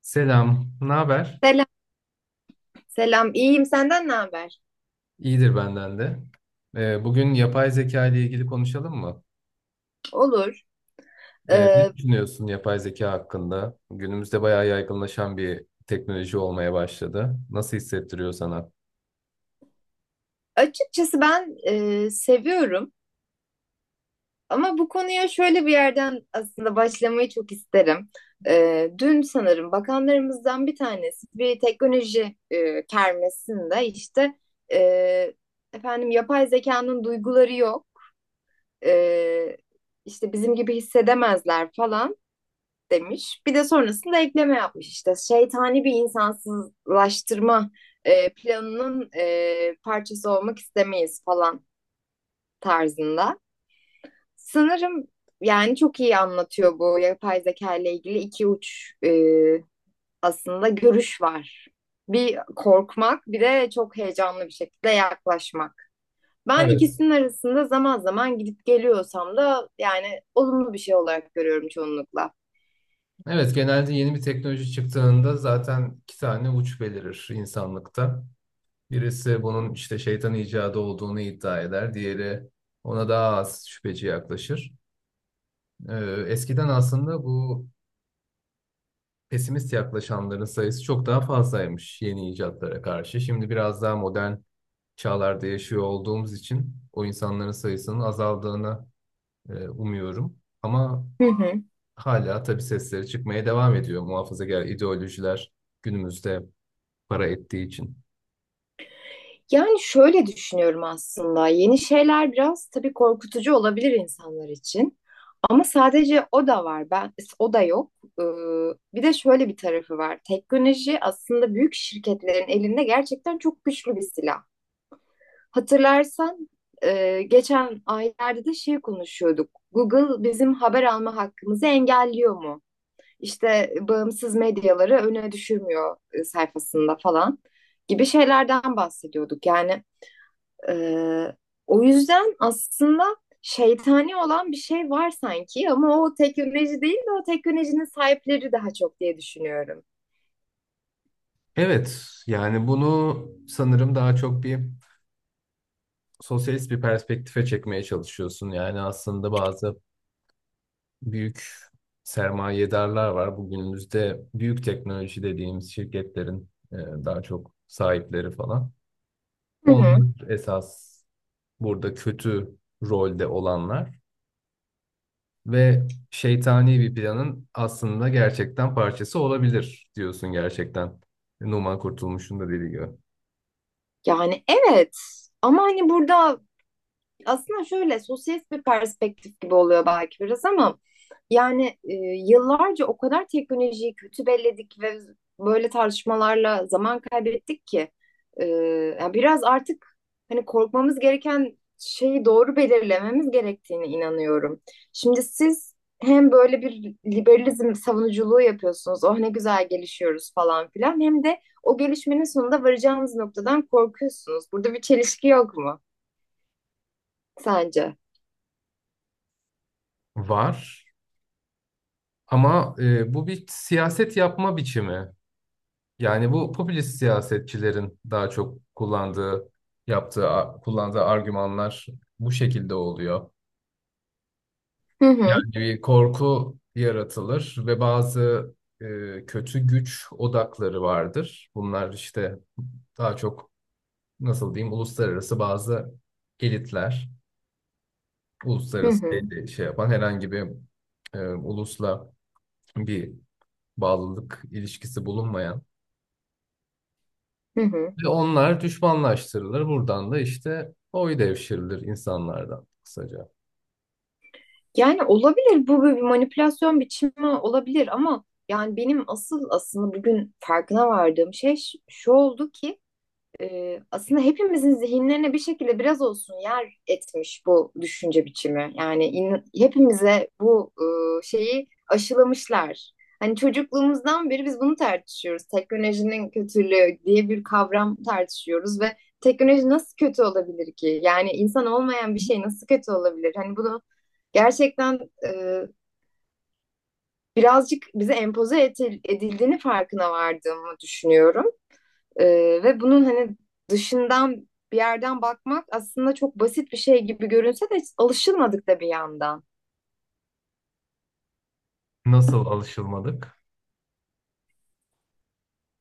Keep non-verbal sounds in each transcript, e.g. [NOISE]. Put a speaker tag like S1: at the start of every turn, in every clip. S1: Selam, ne haber?
S2: Selam, selam. İyiyim. Senden ne haber?
S1: İyidir benden de. Bugün yapay zeka ile ilgili konuşalım mı?
S2: Olur. Ee,
S1: Ne düşünüyorsun yapay zeka hakkında? Günümüzde bayağı yaygınlaşan bir teknoloji olmaya başladı. Nasıl hissettiriyor sana?
S2: açıkçası ben seviyorum ama bu konuya şöyle bir yerden aslında başlamayı çok isterim. Dün sanırım bakanlarımızdan bir tanesi bir teknoloji kermesinde işte e, efendim yapay zekanın duyguları yok. E, işte bizim gibi hissedemezler falan demiş. Bir de sonrasında ekleme yapmış işte. Şeytani bir insansızlaştırma planının parçası olmak istemeyiz falan tarzında. Sanırım yani çok iyi anlatıyor bu yapay zeka ile ilgili iki uç aslında görüş var. Bir korkmak bir de çok heyecanlı bir şekilde yaklaşmak. Ben
S1: Evet.
S2: ikisinin arasında zaman zaman gidip geliyorsam da yani olumlu bir şey olarak görüyorum çoğunlukla.
S1: Evet, genelde yeni bir teknoloji çıktığında zaten iki tane uç belirir insanlıkta. Birisi bunun işte şeytan icadı olduğunu iddia eder, diğeri ona daha az şüpheci yaklaşır. Ee, Eskiden aslında bu pesimist yaklaşanların sayısı çok daha fazlaymış yeni icatlara karşı. Şimdi biraz daha modern çağlarda yaşıyor olduğumuz için o insanların sayısının azaldığını umuyorum. Ama
S2: Hı hı.
S1: hala tabii sesleri çıkmaya devam ediyor muhafazakar ideolojiler günümüzde para ettiği için.
S2: Yani şöyle düşünüyorum aslında. Yeni şeyler biraz tabii korkutucu olabilir insanlar için. Ama sadece o da var. Ben o da yok. Ee, bir de şöyle bir tarafı var. Teknoloji aslında büyük şirketlerin elinde gerçekten çok güçlü bir silah. Hatırlarsan geçen aylarda da şey konuşuyorduk. Google bizim haber alma hakkımızı engelliyor mu? İşte bağımsız medyaları öne düşürmüyor sayfasında falan gibi şeylerden bahsediyorduk. Yani ee, o yüzden aslında şeytani olan bir şey var sanki ama o teknoloji değil de o teknolojinin sahipleri daha çok diye düşünüyorum.
S1: Evet, yani bunu sanırım daha çok bir sosyalist bir perspektife çekmeye çalışıyorsun. Yani aslında bazı büyük sermayedarlar var. Bugünümüzde büyük teknoloji dediğimiz şirketlerin daha çok sahipleri falan.
S2: Hı
S1: Onlar
S2: hı.
S1: esas burada kötü rolde olanlar ve şeytani bir planın aslında gerçekten parçası olabilir diyorsun gerçekten. Numan Kurtulmuş'un da dediği gibi.
S2: Yani evet ama hani burada aslında şöyle sosyalist bir perspektif gibi oluyor belki biraz ama yani, yıllarca o kadar teknolojiyi kötü belledik ve böyle tartışmalarla zaman kaybettik ki e, yani biraz artık hani korkmamız gereken şeyi doğru belirlememiz gerektiğine inanıyorum. Şimdi siz hem böyle bir liberalizm savunuculuğu yapıyorsunuz. Oh ne güzel gelişiyoruz falan filan. Hem de o gelişmenin sonunda varacağınız noktadan korkuyorsunuz. Burada bir çelişki yok mu sence?
S1: Var ama bu bir siyaset yapma biçimi. Yani bu popülist siyasetçilerin daha çok kullandığı argümanlar bu şekilde oluyor.
S2: Hı hı,
S1: Yani bir korku yaratılır ve bazı kötü güç odakları vardır. Bunlar işte daha çok nasıl diyeyim uluslararası bazı elitler,
S2: hı
S1: uluslararası
S2: hı,
S1: şey yapan herhangi bir ulusla bir bağlılık ilişkisi bulunmayan.
S2: hı hı.
S1: Ve onlar düşmanlaştırılır. Buradan da işte oy devşirilir insanlardan kısaca.
S2: Yani olabilir bu bir manipülasyon biçimi olabilir ama yani benim asıl aslında bugün farkına vardığım şey şu oldu ki, aslında hepimizin zihinlerine bir şekilde biraz olsun yer etmiş bu düşünce biçimi. Yani hepimize bu şeyi aşılamışlar. Hani çocukluğumuzdan beri biz bunu tartışıyoruz. Teknolojinin kötülüğü diye bir kavram tartışıyoruz ve teknoloji nasıl kötü olabilir ki? Yani insan olmayan bir şey nasıl kötü olabilir? Hani bunu gerçekten e, birazcık bize edildiğini farkına vardığımı düşünüyorum. Ve bunun hani dışından bir yerden bakmak aslında çok basit bir şey gibi görünse de alışılmadık da bir yandan.
S1: Nasıl alışılmadık?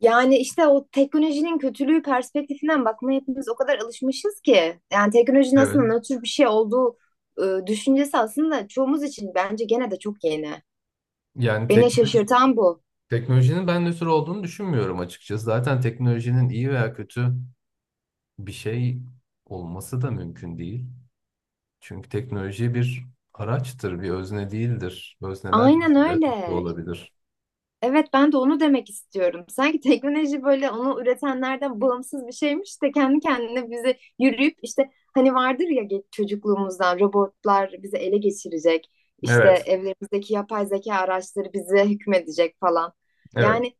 S2: Yani işte o teknolojinin kötülüğü perspektifinden bakmaya hepimiz o kadar alışmışız ki. Yani teknolojinin aslında
S1: Evet.
S2: nötr bir şey olduğu düşüncesi aslında çoğumuz için bence gene de çok yeni.
S1: Yani tek,
S2: Beni şaşırtan bu.
S1: teknolojinin ben nötr olduğunu düşünmüyorum açıkçası. Zaten teknolojinin iyi veya kötü bir şey olması da mümkün değil. Çünkü teknoloji bir araçtır, bir özne değildir. Özneler
S2: Aynen
S1: de
S2: öyle.
S1: olabilir.
S2: Evet ben de onu demek istiyorum. Sanki teknoloji böyle onu üretenlerden bağımsız bir şeymiş de kendi kendine bizi yürüyüp işte hani vardır ya çocukluğumuzdan robotlar bizi ele geçirecek. İşte
S1: Evet,
S2: evlerimizdeki yapay zeka araçları bize hükmedecek falan.
S1: evet.
S2: Yani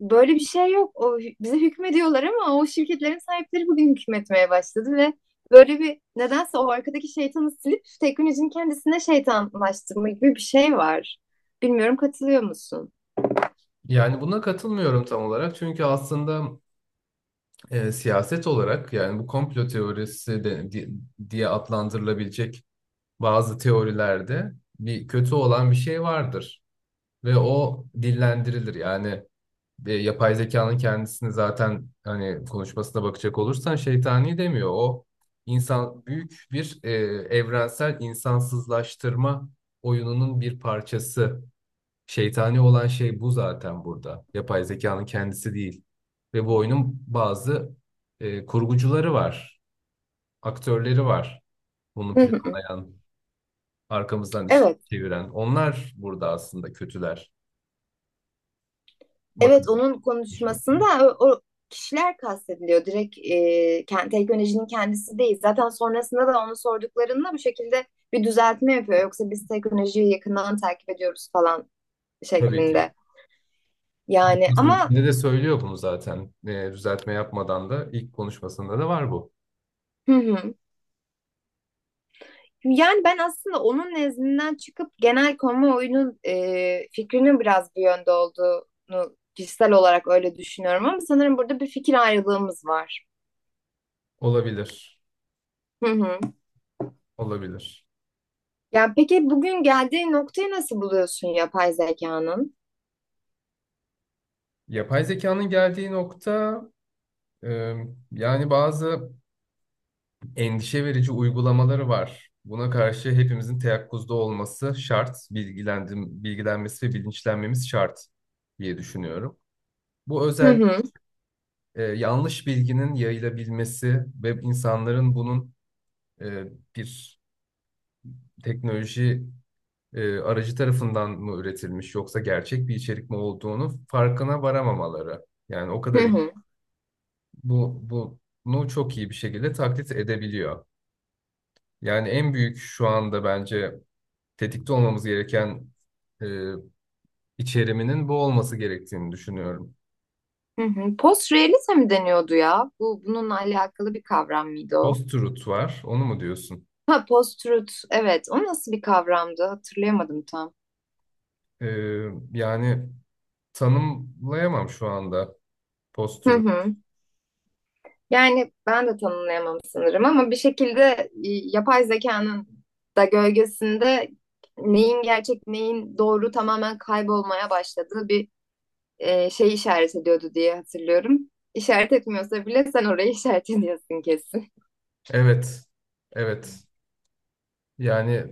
S2: böyle bir şey yok. O bize hükmediyorlar ama o şirketlerin sahipleri bugün hükmetmeye başladı ve böyle bir nedense o arkadaki şeytanı silip teknolojinin kendisine şeytanlaştırma gibi bir şey var. Bilmiyorum katılıyor musun?
S1: Yani buna katılmıyorum tam olarak. Çünkü aslında siyaset olarak yani bu komplo teorisi diye adlandırılabilecek bazı teorilerde bir kötü olan bir şey vardır ve o dillendirilir. Yani yapay zekanın kendisini zaten hani konuşmasına bakacak olursan şeytani demiyor. O insan büyük bir evrensel insansızlaştırma oyununun bir parçası. Şeytani olan şey bu zaten burada. Yapay zekanın kendisi değil. Ve bu oyunun bazı kurgucuları var, aktörleri var. Bunu
S2: [LAUGHS]
S1: planlayan, arkamızdan iş
S2: Evet,
S1: çeviren. Onlar burada aslında kötüler.
S2: evet
S1: Bakın.
S2: onun konuşmasında o kişiler kastediliyor. Direkt teknolojinin kendisi değil. Zaten sonrasında da onu sorduklarında bu şekilde bir düzeltme yapıyor. Yoksa biz teknolojiyi yakından takip ediyoruz falan
S1: Tabii ki.
S2: şeklinde. Yani
S1: Konuşmasının
S2: ama
S1: içinde de söylüyor bunu zaten. E, düzeltme yapmadan da ilk konuşmasında da var bu.
S2: hı hı. Yani ben aslında onun nezdinden çıkıp genel kamuoyunun fikrinin biraz bu yönde olduğunu kişisel olarak öyle düşünüyorum. Ama sanırım burada bir fikir ayrılığımız var.
S1: Olabilir.
S2: Hı hı.
S1: Olabilir.
S2: Ya peki bugün geldiği noktayı nasıl buluyorsun yapay zekanın?
S1: Yapay zekanın geldiği nokta, e, yani bazı endişe verici uygulamaları var. Buna karşı hepimizin teyakkuzda olması şart, bilgilendim, bilgilenmesi ve bilinçlenmemiz şart diye düşünüyorum. Bu
S2: Hı
S1: özel
S2: hı,
S1: yanlış bilginin yayılabilmesi ve insanların bunun e, bir teknoloji aracı tarafından mı üretilmiş yoksa gerçek bir içerik mi olduğunu farkına varamamaları. Yani o
S2: hı
S1: kadar iyi-
S2: hı,
S1: bu bu- bunu çok iyi bir şekilde taklit edebiliyor. Yani en büyük şu anda bence tetikte olmamız gereken e, içeriminin bu olması gerektiğini düşünüyorum.
S2: hı hı. Post-realism mi deniyordu ya? Bu bununla alakalı bir kavram mıydı o?
S1: Post-truth var, onu mu diyorsun?
S2: Ha post-truth, evet. O nasıl bir kavramdı? Hatırlayamadım tam.
S1: E, yani tanımlayamam şu anda
S2: Hı
S1: post-truth.
S2: hı. Yani ben de tanımlayamam sanırım ama bir şekilde yapay zekanın da gölgesinde neyin gerçek, neyin doğru tamamen kaybolmaya başladığı bir şey işaret ediyordu diye hatırlıyorum. İşaret etmiyorsa bile sen orayı [LAUGHS] işaret ediyorsun kesin.
S1: Evet, evet. Yani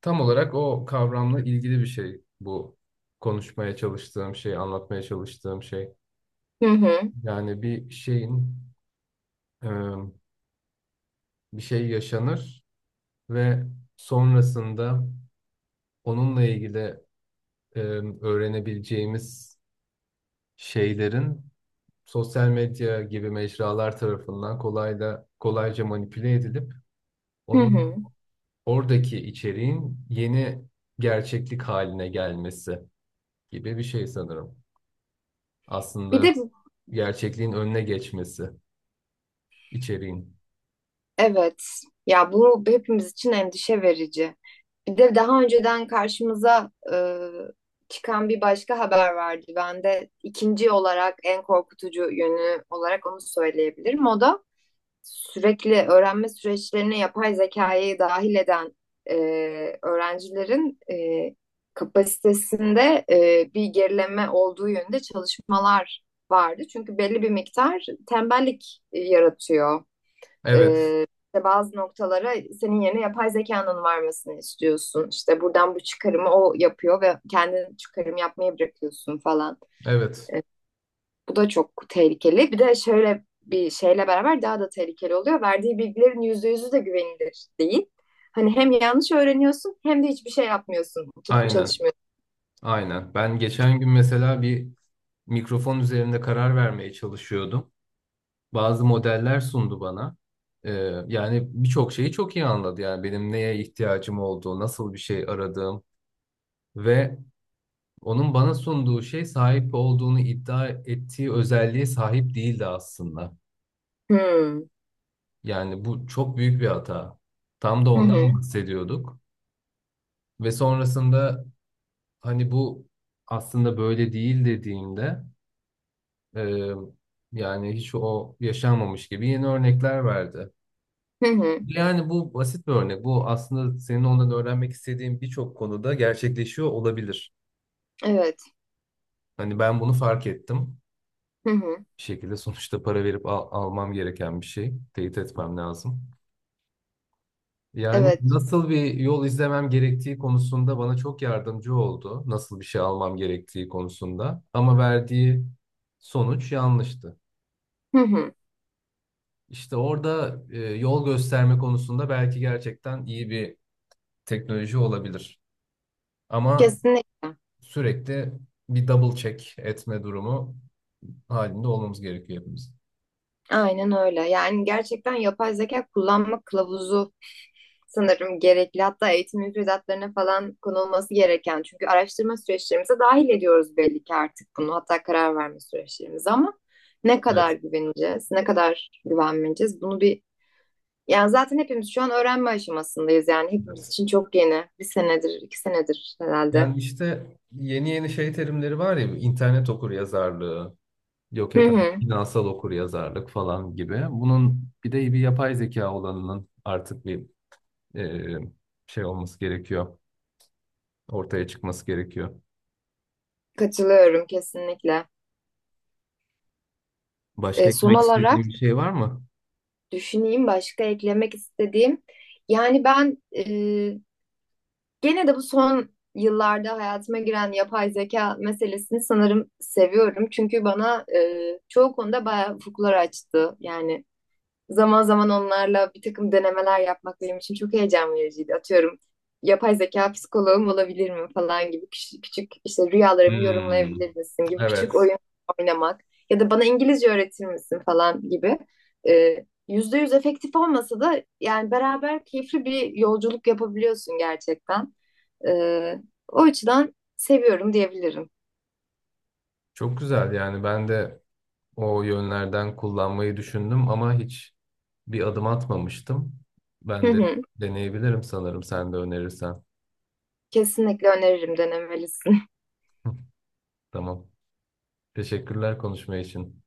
S1: tam olarak o kavramla ilgili bir şey bu konuşmaya çalıştığım şey, anlatmaya çalıştığım şey.
S2: Hı hı.
S1: Yani bir şeyin, e, bir şey yaşanır ve sonrasında onunla ilgili e, öğrenebileceğimiz şeylerin sosyal medya gibi mecralar tarafından kolayca manipüle edilip
S2: Hı hı.
S1: onun oradaki içeriğin yeni gerçeklik haline gelmesi gibi bir şey sanırım.
S2: Bir
S1: Aslında
S2: de
S1: gerçekliğin önüne geçmesi içeriğin.
S2: evet ya bu hepimiz için endişe verici. Bir de daha önceden karşımıza çıkan bir başka haber vardı. Ben de ikinci olarak en korkutucu yönü olarak onu söyleyebilirim. O da sürekli öğrenme süreçlerine yapay zekayı dahil eden e, öğrencilerin kapasitesinde bir gerileme olduğu yönünde çalışmalar vardı. Çünkü belli bir miktar tembellik yaratıyor. E,
S1: Evet,
S2: işte bazı noktalara senin yerine yapay zekanın varmasını istiyorsun. İşte buradan bu çıkarımı o yapıyor ve kendin çıkarım yapmayı bırakıyorsun falan.
S1: evet.
S2: E, bu da çok tehlikeli. Bir de şöyle bir şeyle beraber daha da tehlikeli oluyor. Verdiği bilgilerin %100'ü de güvenilir değil. Hani hem yanlış öğreniyorsun hem de hiçbir şey yapmıyorsun. Oturup
S1: Aynen,
S2: çalışmıyorsun.
S1: aynen. Ben geçen gün mesela bir mikrofon üzerinde karar vermeye çalışıyordum. Bazı modeller sundu bana. Ee, yani birçok şeyi çok iyi anladı. Yani benim neye ihtiyacım olduğu, nasıl bir şey aradığım ve onun bana sunduğu şey sahip olduğunu iddia ettiği özelliğe sahip değildi aslında.
S2: Hmm.
S1: Yani bu çok büyük bir hata. Tam da
S2: Hı
S1: ondan
S2: hı.
S1: bahsediyorduk. Ve sonrasında hani bu aslında böyle değil dediğimde, e, yani hiç o yaşanmamış gibi yeni örnekler verdi.
S2: Hı hı.
S1: Yani bu basit bir örnek. Bu aslında senin ondan öğrenmek istediğin birçok konuda gerçekleşiyor olabilir.
S2: Evet.
S1: Hani ben bunu fark ettim.
S2: Hı hı.
S1: Bir şekilde sonuçta almam gereken bir şey. Teyit etmem lazım. Yani
S2: Evet.
S1: nasıl bir yol izlemem gerektiği konusunda bana çok yardımcı oldu. Nasıl bir şey almam gerektiği konusunda. Ama verdiği sonuç yanlıştı.
S2: Hı hı.
S1: İşte orada yol gösterme konusunda belki gerçekten iyi bir teknoloji olabilir. Ama
S2: Kesinlikle.
S1: sürekli bir double check etme durumu halinde olmamız gerekiyor hepimiz.
S2: Aynen öyle. Yani gerçekten yapay zeka kullanma kılavuzu sanırım gerekli. Hatta eğitim müfredatlarına falan konulması gereken. Çünkü araştırma süreçlerimize dahil ediyoruz belli ki artık bunu. Hatta karar verme süreçlerimize ama ne kadar
S1: Evet,
S2: güveneceğiz, ne kadar güvenmeyeceğiz bunu bir... Yani zaten hepimiz şu an öğrenme aşamasındayız. Yani hepimiz
S1: evet.
S2: için çok yeni. Bir senedir, iki senedir herhalde.
S1: Yani işte yeni yeni şey terimleri var ya, internet okur yazarlığı, yok
S2: Hı
S1: efendim
S2: hı.
S1: finansal okur yazarlık falan gibi. Bunun bir de bir yapay zeka olanının artık bir e, şey olması gerekiyor, ortaya çıkması gerekiyor.
S2: Katılıyorum kesinlikle.
S1: Başka
S2: Son
S1: eklemek
S2: olarak
S1: istediğim bir şey var mı?
S2: düşüneyim başka eklemek istediğim. Yani ben, gene de bu son yıllarda hayatıma giren yapay zeka meselesini sanırım seviyorum. Çünkü bana çoğu konuda bayağı ufuklar açtı. Yani zaman zaman onlarla bir takım denemeler yapmak benim için çok heyecan vericiydi. Atıyorum yapay zeka psikoloğum olabilir mi falan gibi küçük, küçük işte rüyalarımı
S1: Hmm,
S2: yorumlayabilir misin gibi küçük
S1: evet.
S2: oyun oynamak ya da bana İngilizce öğretir misin falan gibi. %100 efektif olmasa da yani beraber keyifli bir yolculuk yapabiliyorsun gerçekten. Ee, o açıdan seviyorum diyebilirim.
S1: Çok güzel, yani ben de o yönlerden kullanmayı düşündüm ama hiç bir adım atmamıştım.
S2: Hı
S1: Ben de
S2: hı.
S1: deneyebilirim sanırım sen de önerirsen.
S2: Kesinlikle öneririm denemelisin. [LAUGHS]
S1: [LAUGHS] Tamam. Teşekkürler konuşma için.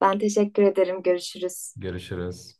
S2: Ben teşekkür ederim. Görüşürüz.
S1: Görüşürüz.